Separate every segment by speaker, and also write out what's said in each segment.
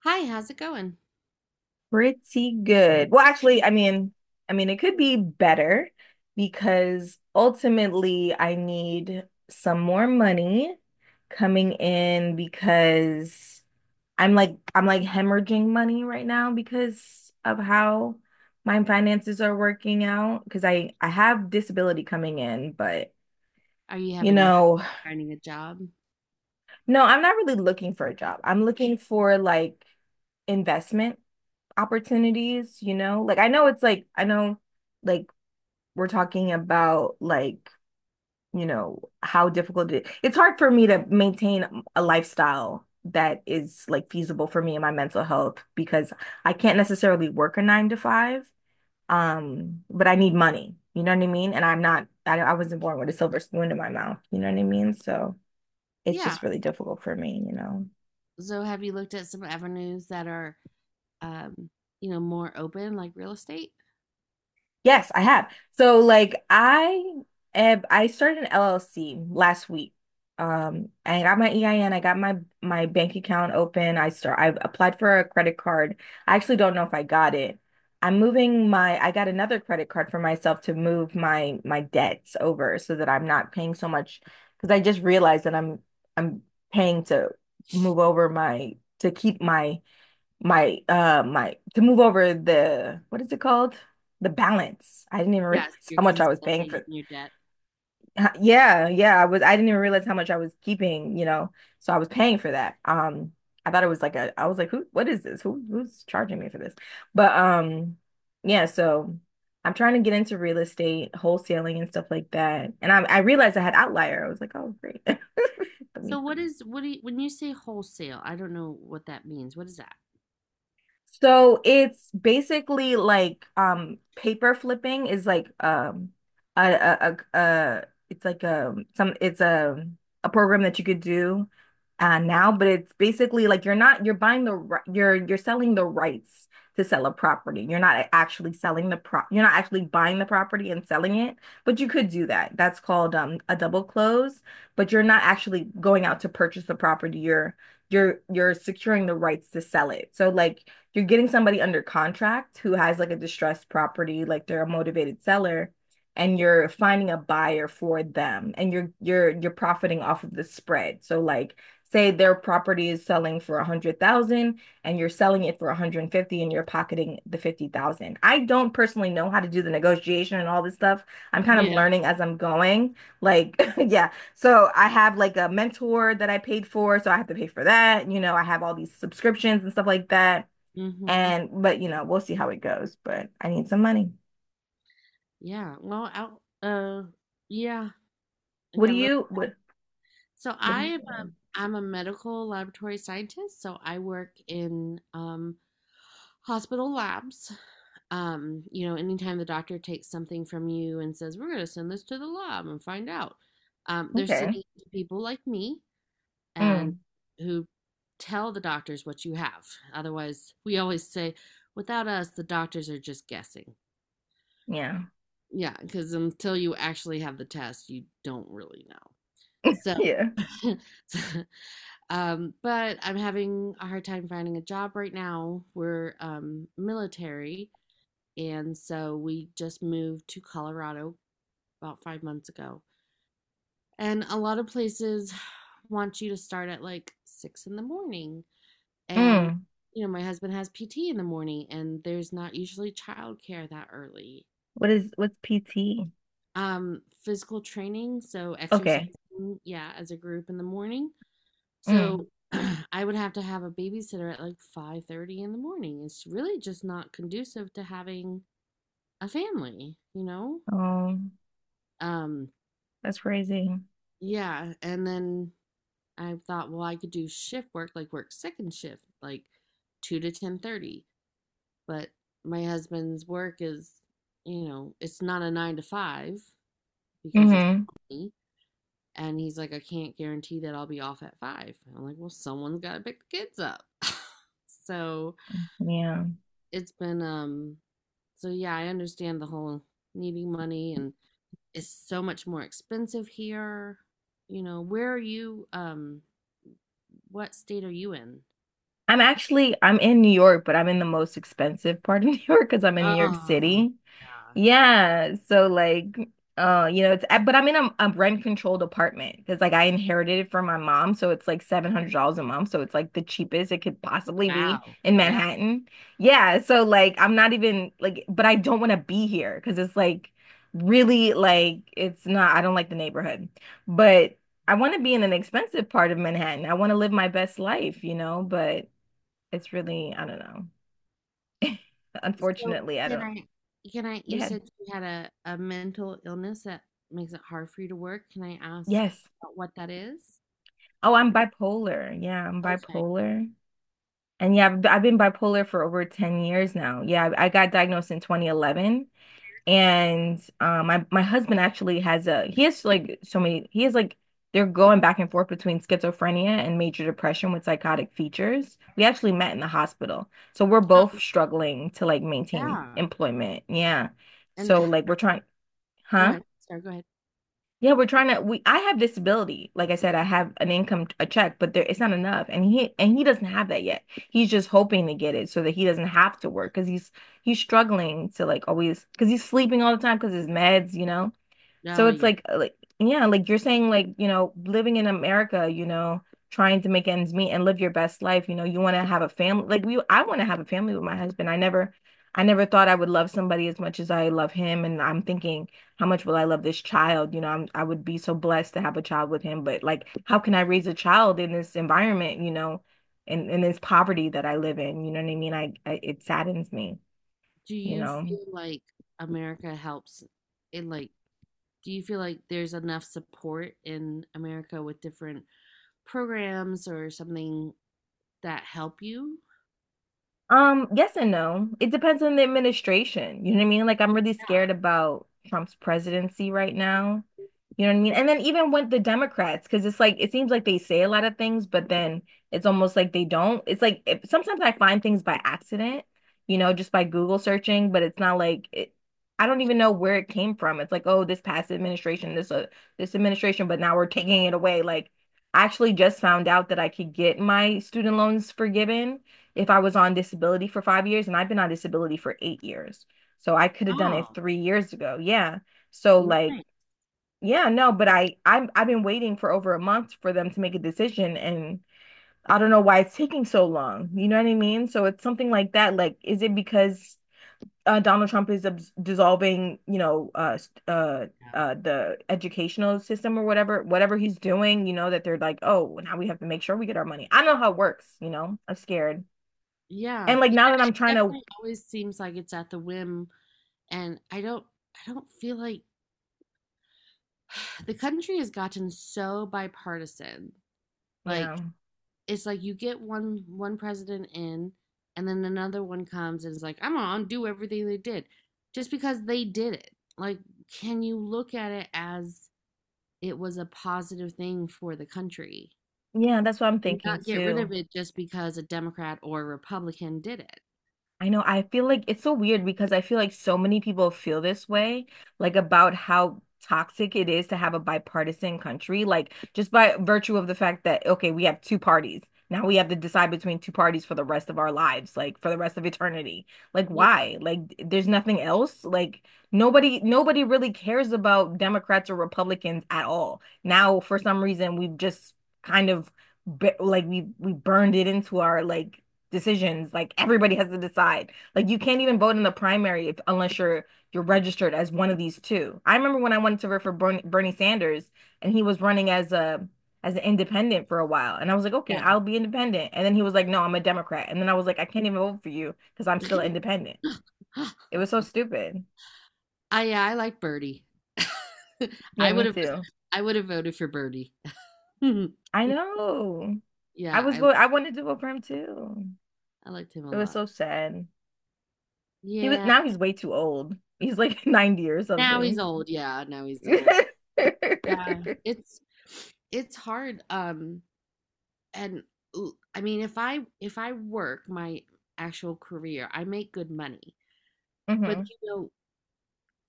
Speaker 1: Hi, how's it going?
Speaker 2: Pretty good. Well, actually, I mean, it could be better because ultimately I need some more money coming in because I'm like hemorrhaging money right now because of how my finances are working out because I have disability coming in, but
Speaker 1: Are you
Speaker 2: you
Speaker 1: having a
Speaker 2: know,
Speaker 1: hard finding a job?
Speaker 2: no, I'm not really looking for a job. I'm looking for like investment opportunities, you know? Like I know, it's like I know, like we're talking about, like, how difficult it is. It's hard for me to maintain a lifestyle that is like feasible for me and my mental health because I can't necessarily work a 9 to 5, but I need money, you know what I mean? And I'm not I, I wasn't born with a silver spoon in my mouth, you know what I mean? So it's
Speaker 1: Yeah.
Speaker 2: just really difficult for me.
Speaker 1: So have you looked at some avenues that are um, more open like real estate?
Speaker 2: Yes, I have. So like I started an LLC last week. I got my EIN, I N. I got my bank account open. I applied for a credit card. I actually don't know if I got it. I'm moving my I got another credit card for myself to move my debts over so that I'm not paying so much because I just realized that I'm paying to move over my to keep my my my to move over the, what is it called? The balance. I didn't even realize
Speaker 1: Yes, you're
Speaker 2: how much I was paying
Speaker 1: consolidating
Speaker 2: for.
Speaker 1: your debt.
Speaker 2: Yeah, yeah, I didn't even realize how much I was keeping. So I was paying for that. I thought it was like a, I was like, who, what is this? Who's charging me for this? But yeah, so I'm trying to get into real estate, wholesaling and stuff like that. And I realized I had Outlier. I was like, "Oh, great." Let me...
Speaker 1: So what do you, when you say wholesale, I don't know what that means. What is that?
Speaker 2: So it's basically like paper flipping is like, a it's like a some, it's a program that you could do now, but it's basically like you're not you're buying the ri- you're selling the rights to sell a property. You're not actually buying the property and selling it, but you could do that. That's called a double close, but you're not actually going out to purchase the property. You're securing the rights to sell it. So like you're getting somebody under contract who has like a distressed property, like they're a motivated seller, and you're finding a buyer for them and you're profiting off of the spread. So like, say their property is selling for $100,000 and you're selling it for 150 and you're pocketing the 50,000. I don't personally know how to do the negotiation and all this stuff. I'm kind of
Speaker 1: Yeah.
Speaker 2: learning as I'm going. Like, yeah. So I have like a mentor that I paid for, so I have to pay for that. I have all these subscriptions and stuff like that.
Speaker 1: Mm-hmm.
Speaker 2: And but we'll see how it goes. But I need some money.
Speaker 1: Yeah. Well, out yeah.
Speaker 2: What
Speaker 1: Yeah,
Speaker 2: do
Speaker 1: look.
Speaker 2: you what
Speaker 1: So
Speaker 2: what do you think?
Speaker 1: I'm a medical laboratory scientist, so I work in hospital labs. Anytime the doctor takes something from you and says, we're going to send this to the lab and find out, they're
Speaker 2: Okay.
Speaker 1: sending it to people like me and
Speaker 2: Mm.
Speaker 1: who tell the doctors what you have. Otherwise, we always say, without us, the doctors are just guessing.
Speaker 2: Yeah.
Speaker 1: Yeah, because until you actually have the test, you don't really know. So,
Speaker 2: Yeah.
Speaker 1: but I'm having a hard time finding a job right now. We're military. And so we just moved to Colorado about 5 months ago. And a lot of places want you to start at like 6 in the morning. And,
Speaker 2: Mm.
Speaker 1: my husband has PT in the morning, and there's not usually childcare that early.
Speaker 2: What's PT?
Speaker 1: Physical training, so
Speaker 2: Okay.
Speaker 1: exercising, yeah, as a group in the morning.
Speaker 2: Mm.
Speaker 1: So I would have to have a babysitter at like 5:30 in the morning. It's really just not conducive to having a family, you know?
Speaker 2: Oh,
Speaker 1: Um,
Speaker 2: that's crazy.
Speaker 1: Yeah, and then I thought, well, I could do shift work, like work second shift, like 2 to 10:30. But my husband's work is, it's not a nine to five because it's
Speaker 2: Hmm.
Speaker 1: me. And he's like, I can't guarantee that I'll be off at 5. I'm like, well, someone's got to pick the kids up. so
Speaker 2: Yeah.
Speaker 1: it's been, so yeah, I understand the whole needing money and is so much more expensive here. You know, where are you? What state are you in?
Speaker 2: I'm actually I'm in New York, but I'm in the most expensive part of New York because I'm in New York
Speaker 1: Oh,
Speaker 2: City.
Speaker 1: yeah.
Speaker 2: Yeah, so like, you know, it's but I'm in a rent-controlled apartment because like I inherited it from my mom, so it's like $700 a month, so it's like the cheapest it could possibly be
Speaker 1: Wow.
Speaker 2: in
Speaker 1: Yeah.
Speaker 2: Manhattan. Yeah, so like I'm not even like, but I don't want to be here because it's like really like it's not. I don't like the neighborhood, but I want to be in an expensive part of Manhattan. I want to live my best life, but it's really I don't know.
Speaker 1: So
Speaker 2: Unfortunately, I
Speaker 1: can
Speaker 2: don't.
Speaker 1: I, can I, you
Speaker 2: Yeah.
Speaker 1: said you had a mental illness that makes it hard for you to work. Can I ask
Speaker 2: Yes.
Speaker 1: about what that is?
Speaker 2: Oh, I'm bipolar. Yeah, I'm
Speaker 1: Okay.
Speaker 2: bipolar. And yeah, I've been bipolar for over 10 years now. Yeah, I got diagnosed in 2011. And my husband actually he has like so many, they're going back and forth between schizophrenia and major depression with psychotic features. We actually met in the hospital. So we're both
Speaker 1: Uh,
Speaker 2: struggling to like maintain
Speaker 1: yeah.
Speaker 2: employment. Yeah.
Speaker 1: And
Speaker 2: So
Speaker 1: h-
Speaker 2: like we're trying...
Speaker 1: Go
Speaker 2: Huh?
Speaker 1: ahead. Sorry, go ahead.
Speaker 2: Yeah, we're trying to we I have disability. Like I said, I have an income, a check, but there it's not enough. And he doesn't have that yet. He's just hoping to get it so that he doesn't have to work because he's struggling to, like, always, because he's sleeping all the time because his meds.
Speaker 1: No,
Speaker 2: So it's
Speaker 1: yeah.
Speaker 2: like, like yeah, like you're saying, like, living in America, trying to make ends meet and live your best life. You want to have a family. Like we I want to have a family with my husband. I never thought I would love somebody as much as I love him, and I'm thinking, how much will I love this child? I would be so blessed to have a child with him, but like, how can I raise a child in this environment, in this poverty that I live in? You know what I mean? I It saddens me
Speaker 1: Do
Speaker 2: you
Speaker 1: you
Speaker 2: know.
Speaker 1: feel like America helps in, like, do you feel like there's enough support in America with different programs or something that help you?
Speaker 2: Yes and no. It depends on the administration. You know what I mean? Like, I'm really
Speaker 1: Yeah.
Speaker 2: scared about Trump's presidency right now. You know what I mean? And then even with the Democrats, because it's like it seems like they say a lot of things, but then it's almost like they don't. It's like, if, sometimes I find things by accident, just by Google searching, but it's not like it — I don't even know where it came from. It's like, oh, this past administration, this administration, but now we're taking it away. Like, I actually just found out that I could get my student loans forgiven if I was on disability for 5 years, and I've been on disability for 8 years. So I could have done it
Speaker 1: Oh,
Speaker 2: 3 years ago. Yeah. So like,
Speaker 1: nice.
Speaker 2: yeah, no, but I've been waiting for over a month for them to make a decision, and I don't know why it's taking so long. You know what I mean? So it's something like that. Like, is it because, Donald Trump is dissolving, uh,
Speaker 1: Yeah.
Speaker 2: the educational system or whatever he's doing, that they're like, oh, now we have to make sure we get our money. I don't know how it works, I'm scared.
Speaker 1: Yeah.
Speaker 2: And like,
Speaker 1: Yeah,
Speaker 2: now that I'm
Speaker 1: it
Speaker 2: trying to...
Speaker 1: definitely always seems like it's at the whim, and I don't feel like the country has gotten so bipartisan. Like
Speaker 2: Yeah.
Speaker 1: it's like you get one president in, and then another one comes and is like, I'm gonna undo everything they did just because they did it. Like, can you look at it as it was a positive thing for the country
Speaker 2: Yeah, that's what I'm
Speaker 1: and
Speaker 2: thinking
Speaker 1: not get rid
Speaker 2: too.
Speaker 1: of it just because a Democrat or Republican did it?
Speaker 2: I know. I feel like it's so weird because I feel like so many people feel this way, like about how toxic it is to have a bipartisan country, like just by virtue of the fact that, okay, we have two parties. Now we have to decide between two parties for the rest of our lives, like for the rest of eternity. Like,
Speaker 1: Yeah.
Speaker 2: why? Like, there's nothing else. Like, nobody really cares about Democrats or Republicans at all. Now, for some reason, we've just kind of like we burned it into our, like, decisions. Like, everybody has to decide. Like, you can't even vote in the primary if, unless you're registered as one of these two. I remember when I wanted to vote for Bernie, Bernie Sanders, and he was running as a as an independent for a while. And I was like, okay,
Speaker 1: Yeah.
Speaker 2: I'll be independent. And then he was like, no, I'm a Democrat. And then I was like, I can't even vote for you because I'm still independent. It was so stupid.
Speaker 1: I Yeah, I like Birdie.
Speaker 2: Yeah,
Speaker 1: I
Speaker 2: me
Speaker 1: would have
Speaker 2: too.
Speaker 1: I would have voted for Birdie. yeah,
Speaker 2: I know. I was
Speaker 1: I
Speaker 2: vote I wanted to vote for him too.
Speaker 1: I liked him a
Speaker 2: It was
Speaker 1: lot.
Speaker 2: so sad. He was
Speaker 1: Yeah.
Speaker 2: now he's way too old. He's like 90 or
Speaker 1: Now he's
Speaker 2: something.
Speaker 1: old. Yeah, now he's old.
Speaker 2: Hmm.
Speaker 1: Yeah. It's hard, and I mean if I work my actual career, I make good money.
Speaker 2: I
Speaker 1: But,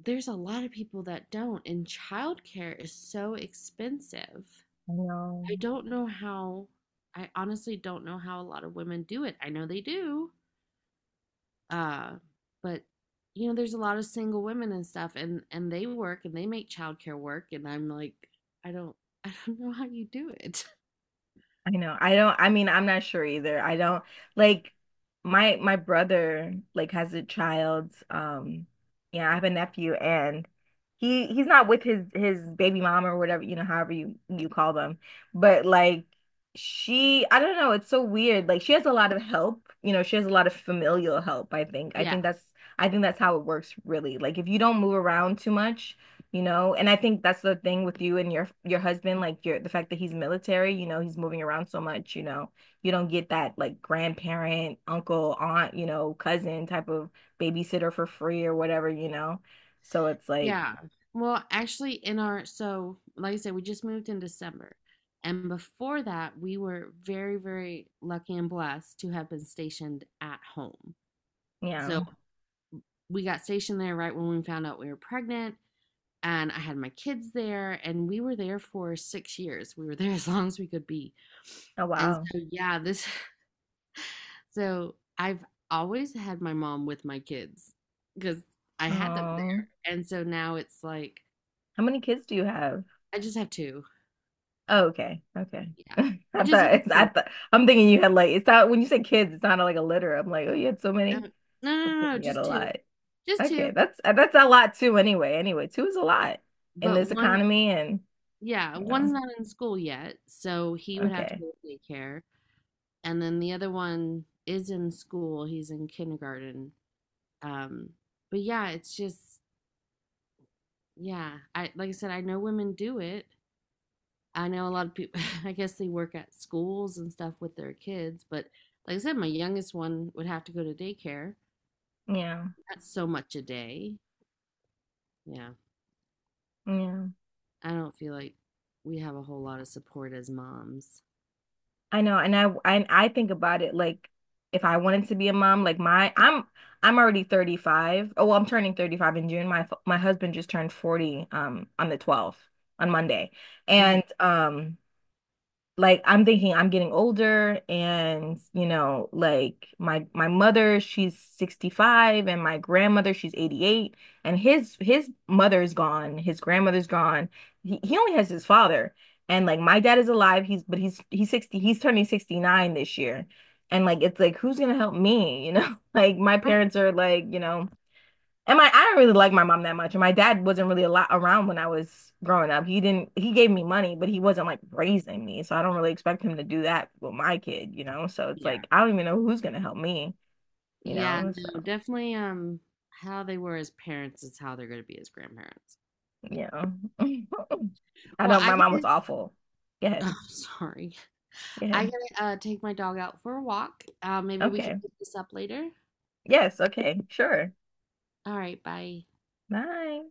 Speaker 1: there's a lot of people that don't, and childcare is so expensive.
Speaker 2: know.
Speaker 1: I don't know how, I honestly don't know how a lot of women do it. I know they do. Uh, but there's a lot of single women and stuff and they work and they make childcare work and I'm like, I don't I don't know how you do it.
Speaker 2: I know. I mean, I'm not sure either. I don't... Like, my brother, like, has a child. Yeah, I have a nephew, and he's not with his baby mom or whatever, you know, however you call them. But like, she, I don't know, it's so weird. Like, she has a lot of help, she has a lot of familial help, I think. I
Speaker 1: Yeah.
Speaker 2: think that's I think that's how it works, really. Like, if you don't move around too much, and I think that's the thing with you and your husband. Like, your the fact that he's military, he's moving around so much. You don't get that, like, grandparent, uncle, aunt, cousin type of babysitter for free or whatever. So it's like...
Speaker 1: Yeah. Well, actually, so like I said, we just moved in December. And before that, we were very, very lucky and blessed to have been stationed at home. So
Speaker 2: Yeah.
Speaker 1: we got stationed there right when we found out we were pregnant. And I had my kids there, and we were there for 6 years. We were there as long as we could be.
Speaker 2: Oh,
Speaker 1: And
Speaker 2: wow.
Speaker 1: so, yeah, this, so I've always had my mom with my kids because I had them
Speaker 2: Oh,
Speaker 1: there. And so now it's like,
Speaker 2: how many kids do you have?
Speaker 1: I just have two.
Speaker 2: Oh, okay, okay.
Speaker 1: Yeah.
Speaker 2: I
Speaker 1: I just had
Speaker 2: thought it's I
Speaker 1: 2.
Speaker 2: thought I'm thinking you had like... It's not, when you say kids, it sounded like a litter. I'm like, oh, you had so many.
Speaker 1: Um, no,
Speaker 2: I'm
Speaker 1: no, no, no,
Speaker 2: thinking you had
Speaker 1: just
Speaker 2: a
Speaker 1: 2.
Speaker 2: lot.
Speaker 1: Just
Speaker 2: Okay,
Speaker 1: 2,
Speaker 2: that's, a lot too, anyway. Anyway, two is a lot in
Speaker 1: but
Speaker 2: this
Speaker 1: 1,
Speaker 2: economy and,
Speaker 1: yeah,
Speaker 2: you know,
Speaker 1: 1's not in school yet, so he would have to
Speaker 2: okay.
Speaker 1: go to daycare, and then the other one is in school, he's in kindergarten. Um, but yeah, it's just yeah, I like I said, I know women do it. I know a lot of people I guess they work at schools and stuff with their kids, but like I said, my youngest one would have to go to daycare.
Speaker 2: Yeah.
Speaker 1: That's so much a day. Yeah.
Speaker 2: Yeah.
Speaker 1: I don't feel like we have a whole lot of support as moms.
Speaker 2: I know. And I think about it like, if I wanted to be a mom, like my I'm already 35. Oh, well, I'm turning 35 in June. My husband just turned 40 on the 12th, on Monday.
Speaker 1: Okay.
Speaker 2: And like, I'm thinking I'm getting older, and like, my mother, she's 65, and my grandmother, she's 88, and his mother's gone, his grandmother's gone, he only has his father. And like, my dad is alive, he's but he's 60, he's turning 69 this year. And like, it's like, who's gonna help me? Like, my
Speaker 1: All right.
Speaker 2: parents are like, you know, and I don't really like my mom that much. And my dad wasn't really a lot around when I was growing up. He didn't, he gave me money, but he wasn't like raising me. So I don't really expect him to do that with my kid, you know? So it's
Speaker 1: Yeah.
Speaker 2: like, I don't even know who's going to help me, you
Speaker 1: Yeah,
Speaker 2: know? So,
Speaker 1: no, definitely, how they were as parents is how they're going to be as grandparents.
Speaker 2: you know, I
Speaker 1: Well,
Speaker 2: don't,
Speaker 1: I
Speaker 2: my mom was
Speaker 1: gotta,
Speaker 2: awful. Go ahead.
Speaker 1: oh, sorry.
Speaker 2: Go
Speaker 1: I
Speaker 2: ahead.
Speaker 1: gotta take my dog out for a walk. Maybe we can
Speaker 2: Okay.
Speaker 1: pick this up later.
Speaker 2: Yes. Okay. Sure.
Speaker 1: All right, bye.
Speaker 2: Bye.